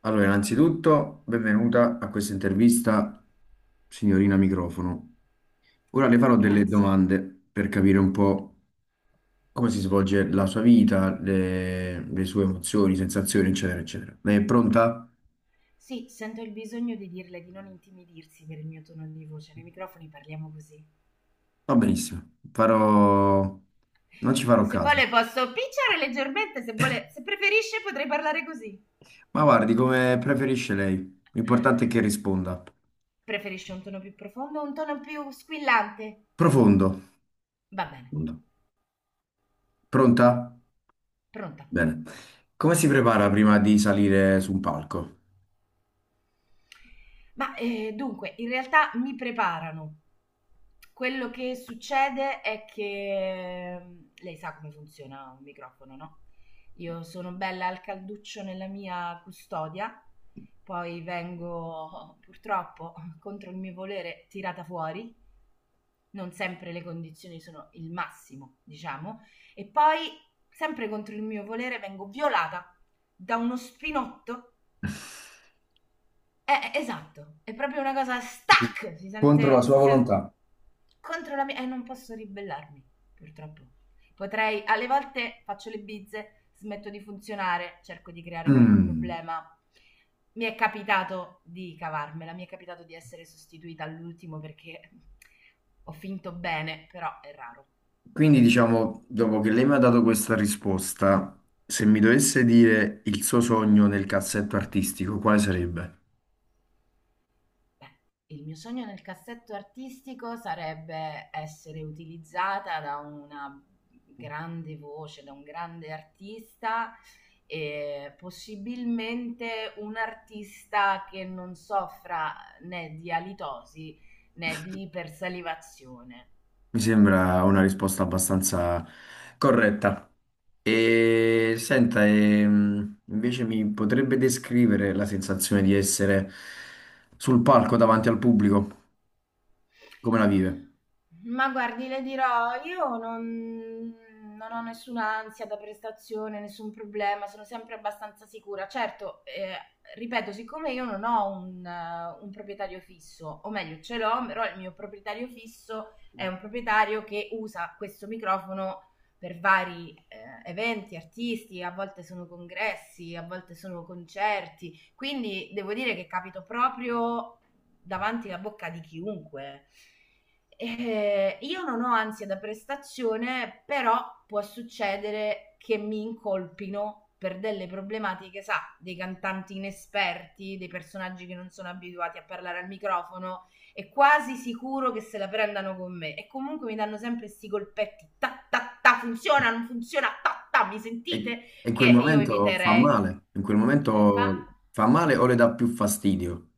Allora, innanzitutto, benvenuta a questa intervista, signorina microfono. Ora le farò delle Grazie. domande per capire un po' come si svolge la sua vita, le sue emozioni, sensazioni, eccetera, eccetera. Lei è pronta? Sì, sento il bisogno di dirle di non intimidirsi per il mio tono di voce, nei microfoni parliamo così. Va benissimo. Farò... Non ci farò Se caso. vuole posso picciare leggermente, se vuole, se preferisce potrei parlare così. Ma guardi, come preferisce lei. L'importante è che risponda. Preferisce un tono più profondo o un tono più squillante? Profondo. Va bene. Profondo. Pronta? Pronta. Bene. Come si prepara prima di salire su un palco? In realtà mi preparano. Quello che succede è che, lei sa come funziona un microfono, no, io sono bella al calduccio nella mia custodia, poi vengo, purtroppo, contro il mio volere, tirata fuori. Non sempre le condizioni sono il massimo, diciamo, e poi sempre contro il mio volere vengo violata da uno spinotto. Esatto, è proprio una cosa stack, Contro la sua si sente volontà. contro la mia... Non posso ribellarmi, purtroppo. Potrei, alle volte faccio le bizze, smetto di funzionare, cerco di creare qualche Mm. problema. Mi è capitato di cavarmela, mi è capitato di essere sostituita all'ultimo perché ho finto bene, però è raro. Quindi diciamo, dopo che lei mi ha dato questa risposta, se mi dovesse dire il suo sogno nel cassetto artistico, quale sarebbe? Beh, il mio sogno nel cassetto artistico sarebbe essere utilizzata da una grande voce, da un grande artista e possibilmente un artista che non soffra né di alitosi né di ipersalivazione. Mi sembra una risposta abbastanza corretta. E senta, invece mi potrebbe descrivere la sensazione di essere sul palco davanti al pubblico, come la vive? Ma guardi, le dirò, io non, non ho nessuna ansia da prestazione, nessun problema, sono sempre abbastanza sicura. Certo, ripeto, siccome io non ho un proprietario fisso, o meglio, ce l'ho, però il mio proprietario fisso è un proprietario che usa questo microfono per vari eventi artisti, a volte sono congressi, a volte sono concerti. Quindi devo dire che capito proprio davanti alla bocca di chiunque. Io non ho ansia da prestazione, però può succedere che mi incolpino per delle problematiche, sa, dei cantanti inesperti, dei personaggi che non sono abituati a parlare al microfono e quasi sicuro che se la prendano con me. E comunque mi danno sempre questi colpetti, ta ta ta, funziona, non funziona, ta ta, mi E, sentite? e in Che quel io momento fa eviterei. male, in quel Fa momento fa male o le dà più fastidio?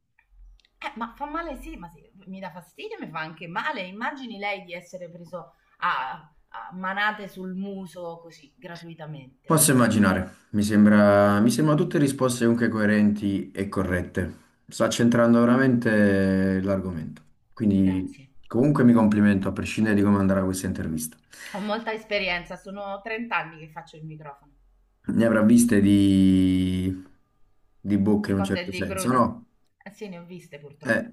Ma fa male, sì, ma sì, mi dà fastidio, mi fa anche male. Immagini lei di essere preso a, a manate sul muso così, gratuitamente. Posso immaginare, mi sembra tutte risposte comunque coerenti e corrette. Sta centrando veramente l'argomento. Quindi Grazie. comunque mi complimento a prescindere di come andrà questa intervista. Ho molta esperienza, sono 30 anni che faccio il microfono, Ne avrà viste di bocche di in un cotte e certo di senso, crude. no? Eh sì, ne ho viste, purtroppo. Eh,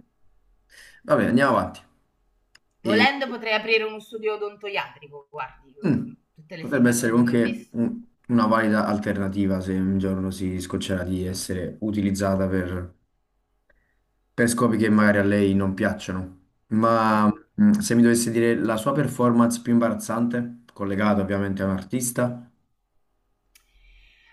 vabbè, andiamo avanti. E, Volendo potrei aprire uno studio odontoiatrico, guardi, mm, tutte le potrebbe essere situazioni che ho comunque visto. Una valida alternativa se un giorno si scoccerà di essere utilizzata per scopi che magari a lei non piacciono. Mm. Ma se mi dovesse dire la sua performance più imbarazzante, collegata ovviamente a un artista,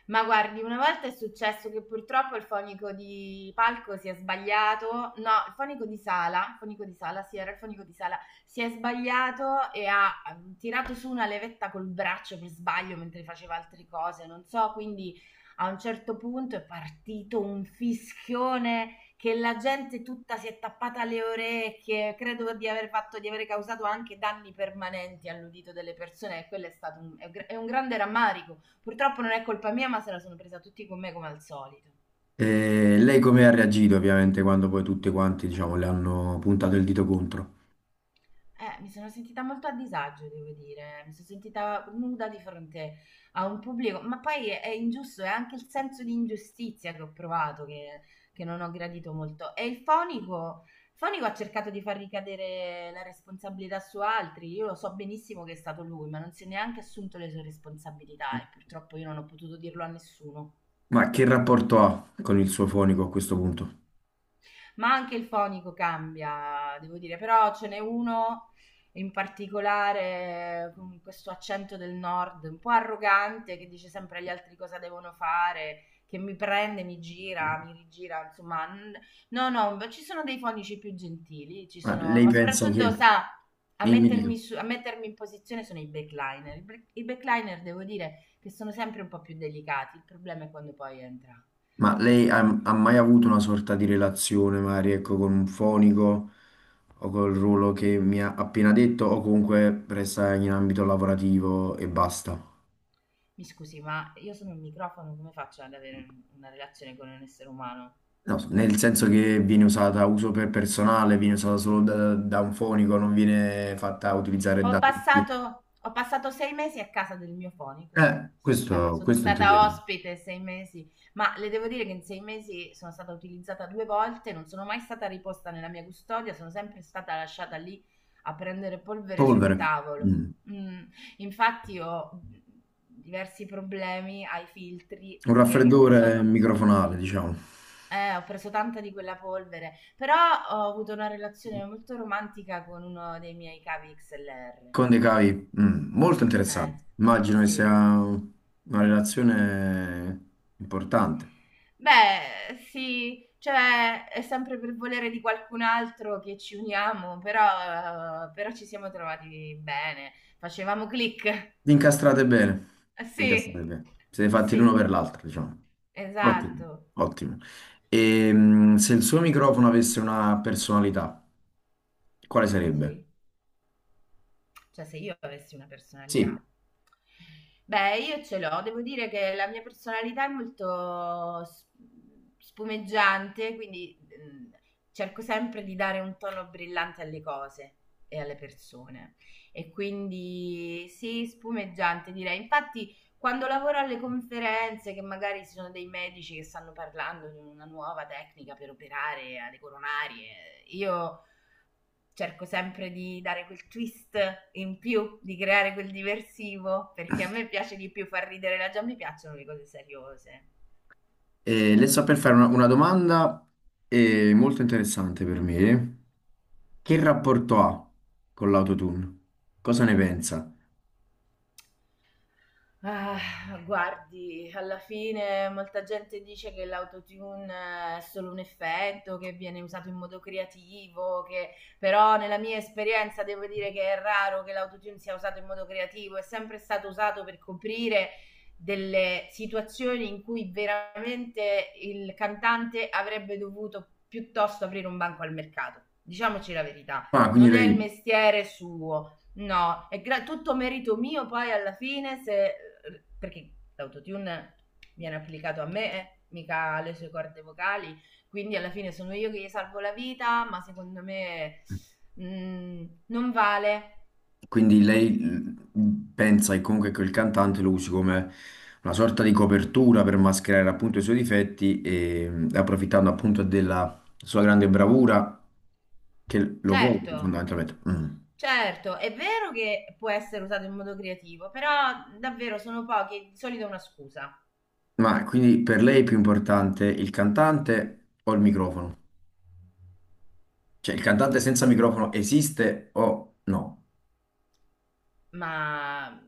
Ma guardi, una volta è successo che purtroppo il fonico di palco si è sbagliato, no, il fonico di sala, sì, era il fonico di sala, si è sbagliato e ha tirato su una levetta col braccio per sbaglio mentre faceva altre cose, non so, quindi a un certo punto è partito un fischione che la gente tutta si è tappata le orecchie. Credo di aver fatto, di aver causato anche danni permanenti all'udito delle persone, e quello è stato un, è un grande rammarico. Purtroppo non è colpa mia, ma se la sono presa tutti con me come al solito. e lei come ha reagito ovviamente quando poi tutti quanti, diciamo, le hanno puntato il dito contro. Mi sono sentita molto a disagio, devo dire, mi sono sentita nuda di fronte a un pubblico, ma poi è ingiusto, è anche il senso di ingiustizia che ho provato, che non ho gradito molto. E il fonico ha cercato di far ricadere la responsabilità su altri, io lo so benissimo che è stato lui, ma non si è neanche assunto le sue responsabilità e purtroppo io non ho potuto dirlo a nessuno. Ma che rapporto ha con il suo fonico a questo punto? Ma anche il fonico cambia, devo dire, però ce n'è uno in particolare con questo accento del nord un po' arrogante, che dice sempre agli altri cosa devono fare, che mi prende, mi gira, mi rigira, insomma, no, no, ma ci sono dei fonici più gentili, ci Ma sono, lei ma pensa che... soprattutto sa, Mi dica. A mettermi in posizione sono i backliner. I backliner devo dire che sono sempre un po' più delicati, il problema è quando poi entra Ma il lei ha, fonico. ha mai avuto una sorta di relazione, magari, ecco, con un fonico o col ruolo che mi ha appena detto, o comunque resta in ambito lavorativo e basta? Mi scusi, ma io sono un microfono, come faccio ad avere una relazione con un essere umano? No, nel senso che viene usata a uso per personale, viene usata solo da un fonico, non viene fatta utilizzare da tutti. Ho passato 6 mesi a casa del mio fonico, sì. Sono Questo stata intendevo. ospite 6 mesi, ma le devo dire che in 6 mesi sono stata utilizzata 2 volte, non sono mai stata riposta nella mia custodia, sono sempre stata lasciata lì a prendere polvere su un Polvere. tavolo. Mm. Mm, Infatti ho diversi problemi ai filtri Un perché ho preso... raffreddore microfonale, diciamo. Ho preso tanta di quella polvere, però ho avuto una relazione molto romantica con uno dei miei cavi XLR. Con dei cavi, mm, molto Eh, interessante. Immagino che sia sì. una relazione importante. Beh, sì, cioè è sempre per volere di qualcun altro che ci uniamo, però, però ci siamo trovati bene, facevamo click. Vi incastrate bene. Vi Sì, Incastrate bene. Siete fatti l'uno sì, per l'altro, diciamo. Ottimo, esatto. ottimo. E, mm, se il suo microfono avesse una personalità, quale sarebbe? Sì. Cioè, se io avessi una Sì, personalità. Beh, io ce l'ho, devo dire che la mia personalità è molto spumeggiante, quindi cerco sempre di dare un tono brillante alle cose e alle persone. E quindi sì, spumeggiante direi. Infatti, quando lavoro alle conferenze, che magari ci sono dei medici che stanno parlando di una nuova tecnica per operare alle coronarie, io cerco sempre di dare quel twist in più, di creare quel diversivo, perché a me piace di più far ridere la già, mi piacciono le cose seriose. Le sto per fare una domanda molto interessante per me. Che rapporto ha con l'autotune? Cosa ne pensa? Ah, guardi, alla fine molta gente dice che l'autotune, è solo un effetto, che viene usato in modo creativo, che... però nella mia esperienza devo dire che è raro che l'autotune sia usato in modo creativo, è sempre stato usato per coprire delle situazioni in cui veramente il cantante avrebbe dovuto piuttosto aprire un banco al mercato. Diciamoci la verità, Ah, quindi non è il lei. mestiere suo. No, tutto merito mio poi alla fine se... perché l'autotune viene applicato a me, mica alle sue corde vocali, quindi alla fine sono io che gli salvo la vita, ma secondo me, non vale. Quindi lei pensa che comunque quel cantante lo usi come una sorta di copertura per mascherare appunto i suoi difetti e approfittando appunto della sua grande bravura che lo copre Certo, fondamentalmente. Mm. certo, è vero che può essere usato in modo creativo, però davvero sono pochi, di solito è una scusa. Ma quindi per lei è più importante il cantante o il microfono? Cioè il cantante senza microfono esiste o no? Ma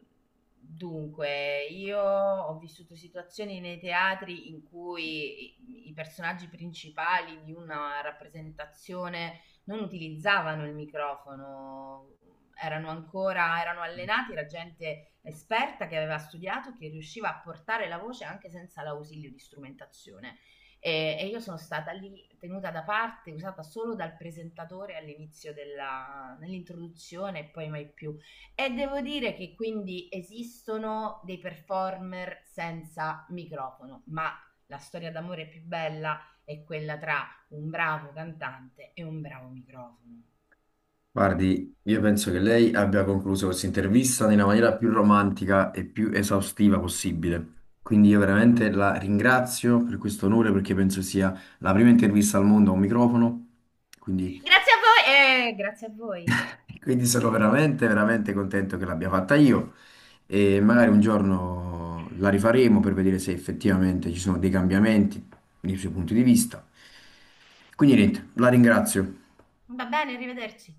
dunque, io ho vissuto situazioni nei teatri in cui i personaggi principali di una rappresentazione non utilizzavano il microfono, erano allenati, era gente esperta che aveva studiato, che riusciva a portare la voce anche senza l'ausilio di strumentazione. E io sono stata lì tenuta da parte, usata solo dal presentatore all'inizio della, nell'introduzione e poi mai più. E devo dire che quindi esistono dei performer senza microfono, ma la storia d'amore più bella è quella tra un bravo cantante e un bravo microfono. Guardi, io penso che lei abbia concluso questa intervista nella maniera più romantica e più esaustiva possibile. Quindi io veramente la ringrazio per questo onore perché penso sia la prima intervista al mondo a un microfono. Quindi, Grazie a voi e grazie a voi. quindi sono veramente, veramente contento che l'abbia fatta io. E magari un giorno la rifaremo per vedere se effettivamente ci sono dei cambiamenti nei suoi punti di vista. Quindi niente, la ringrazio. Va bene, arrivederci.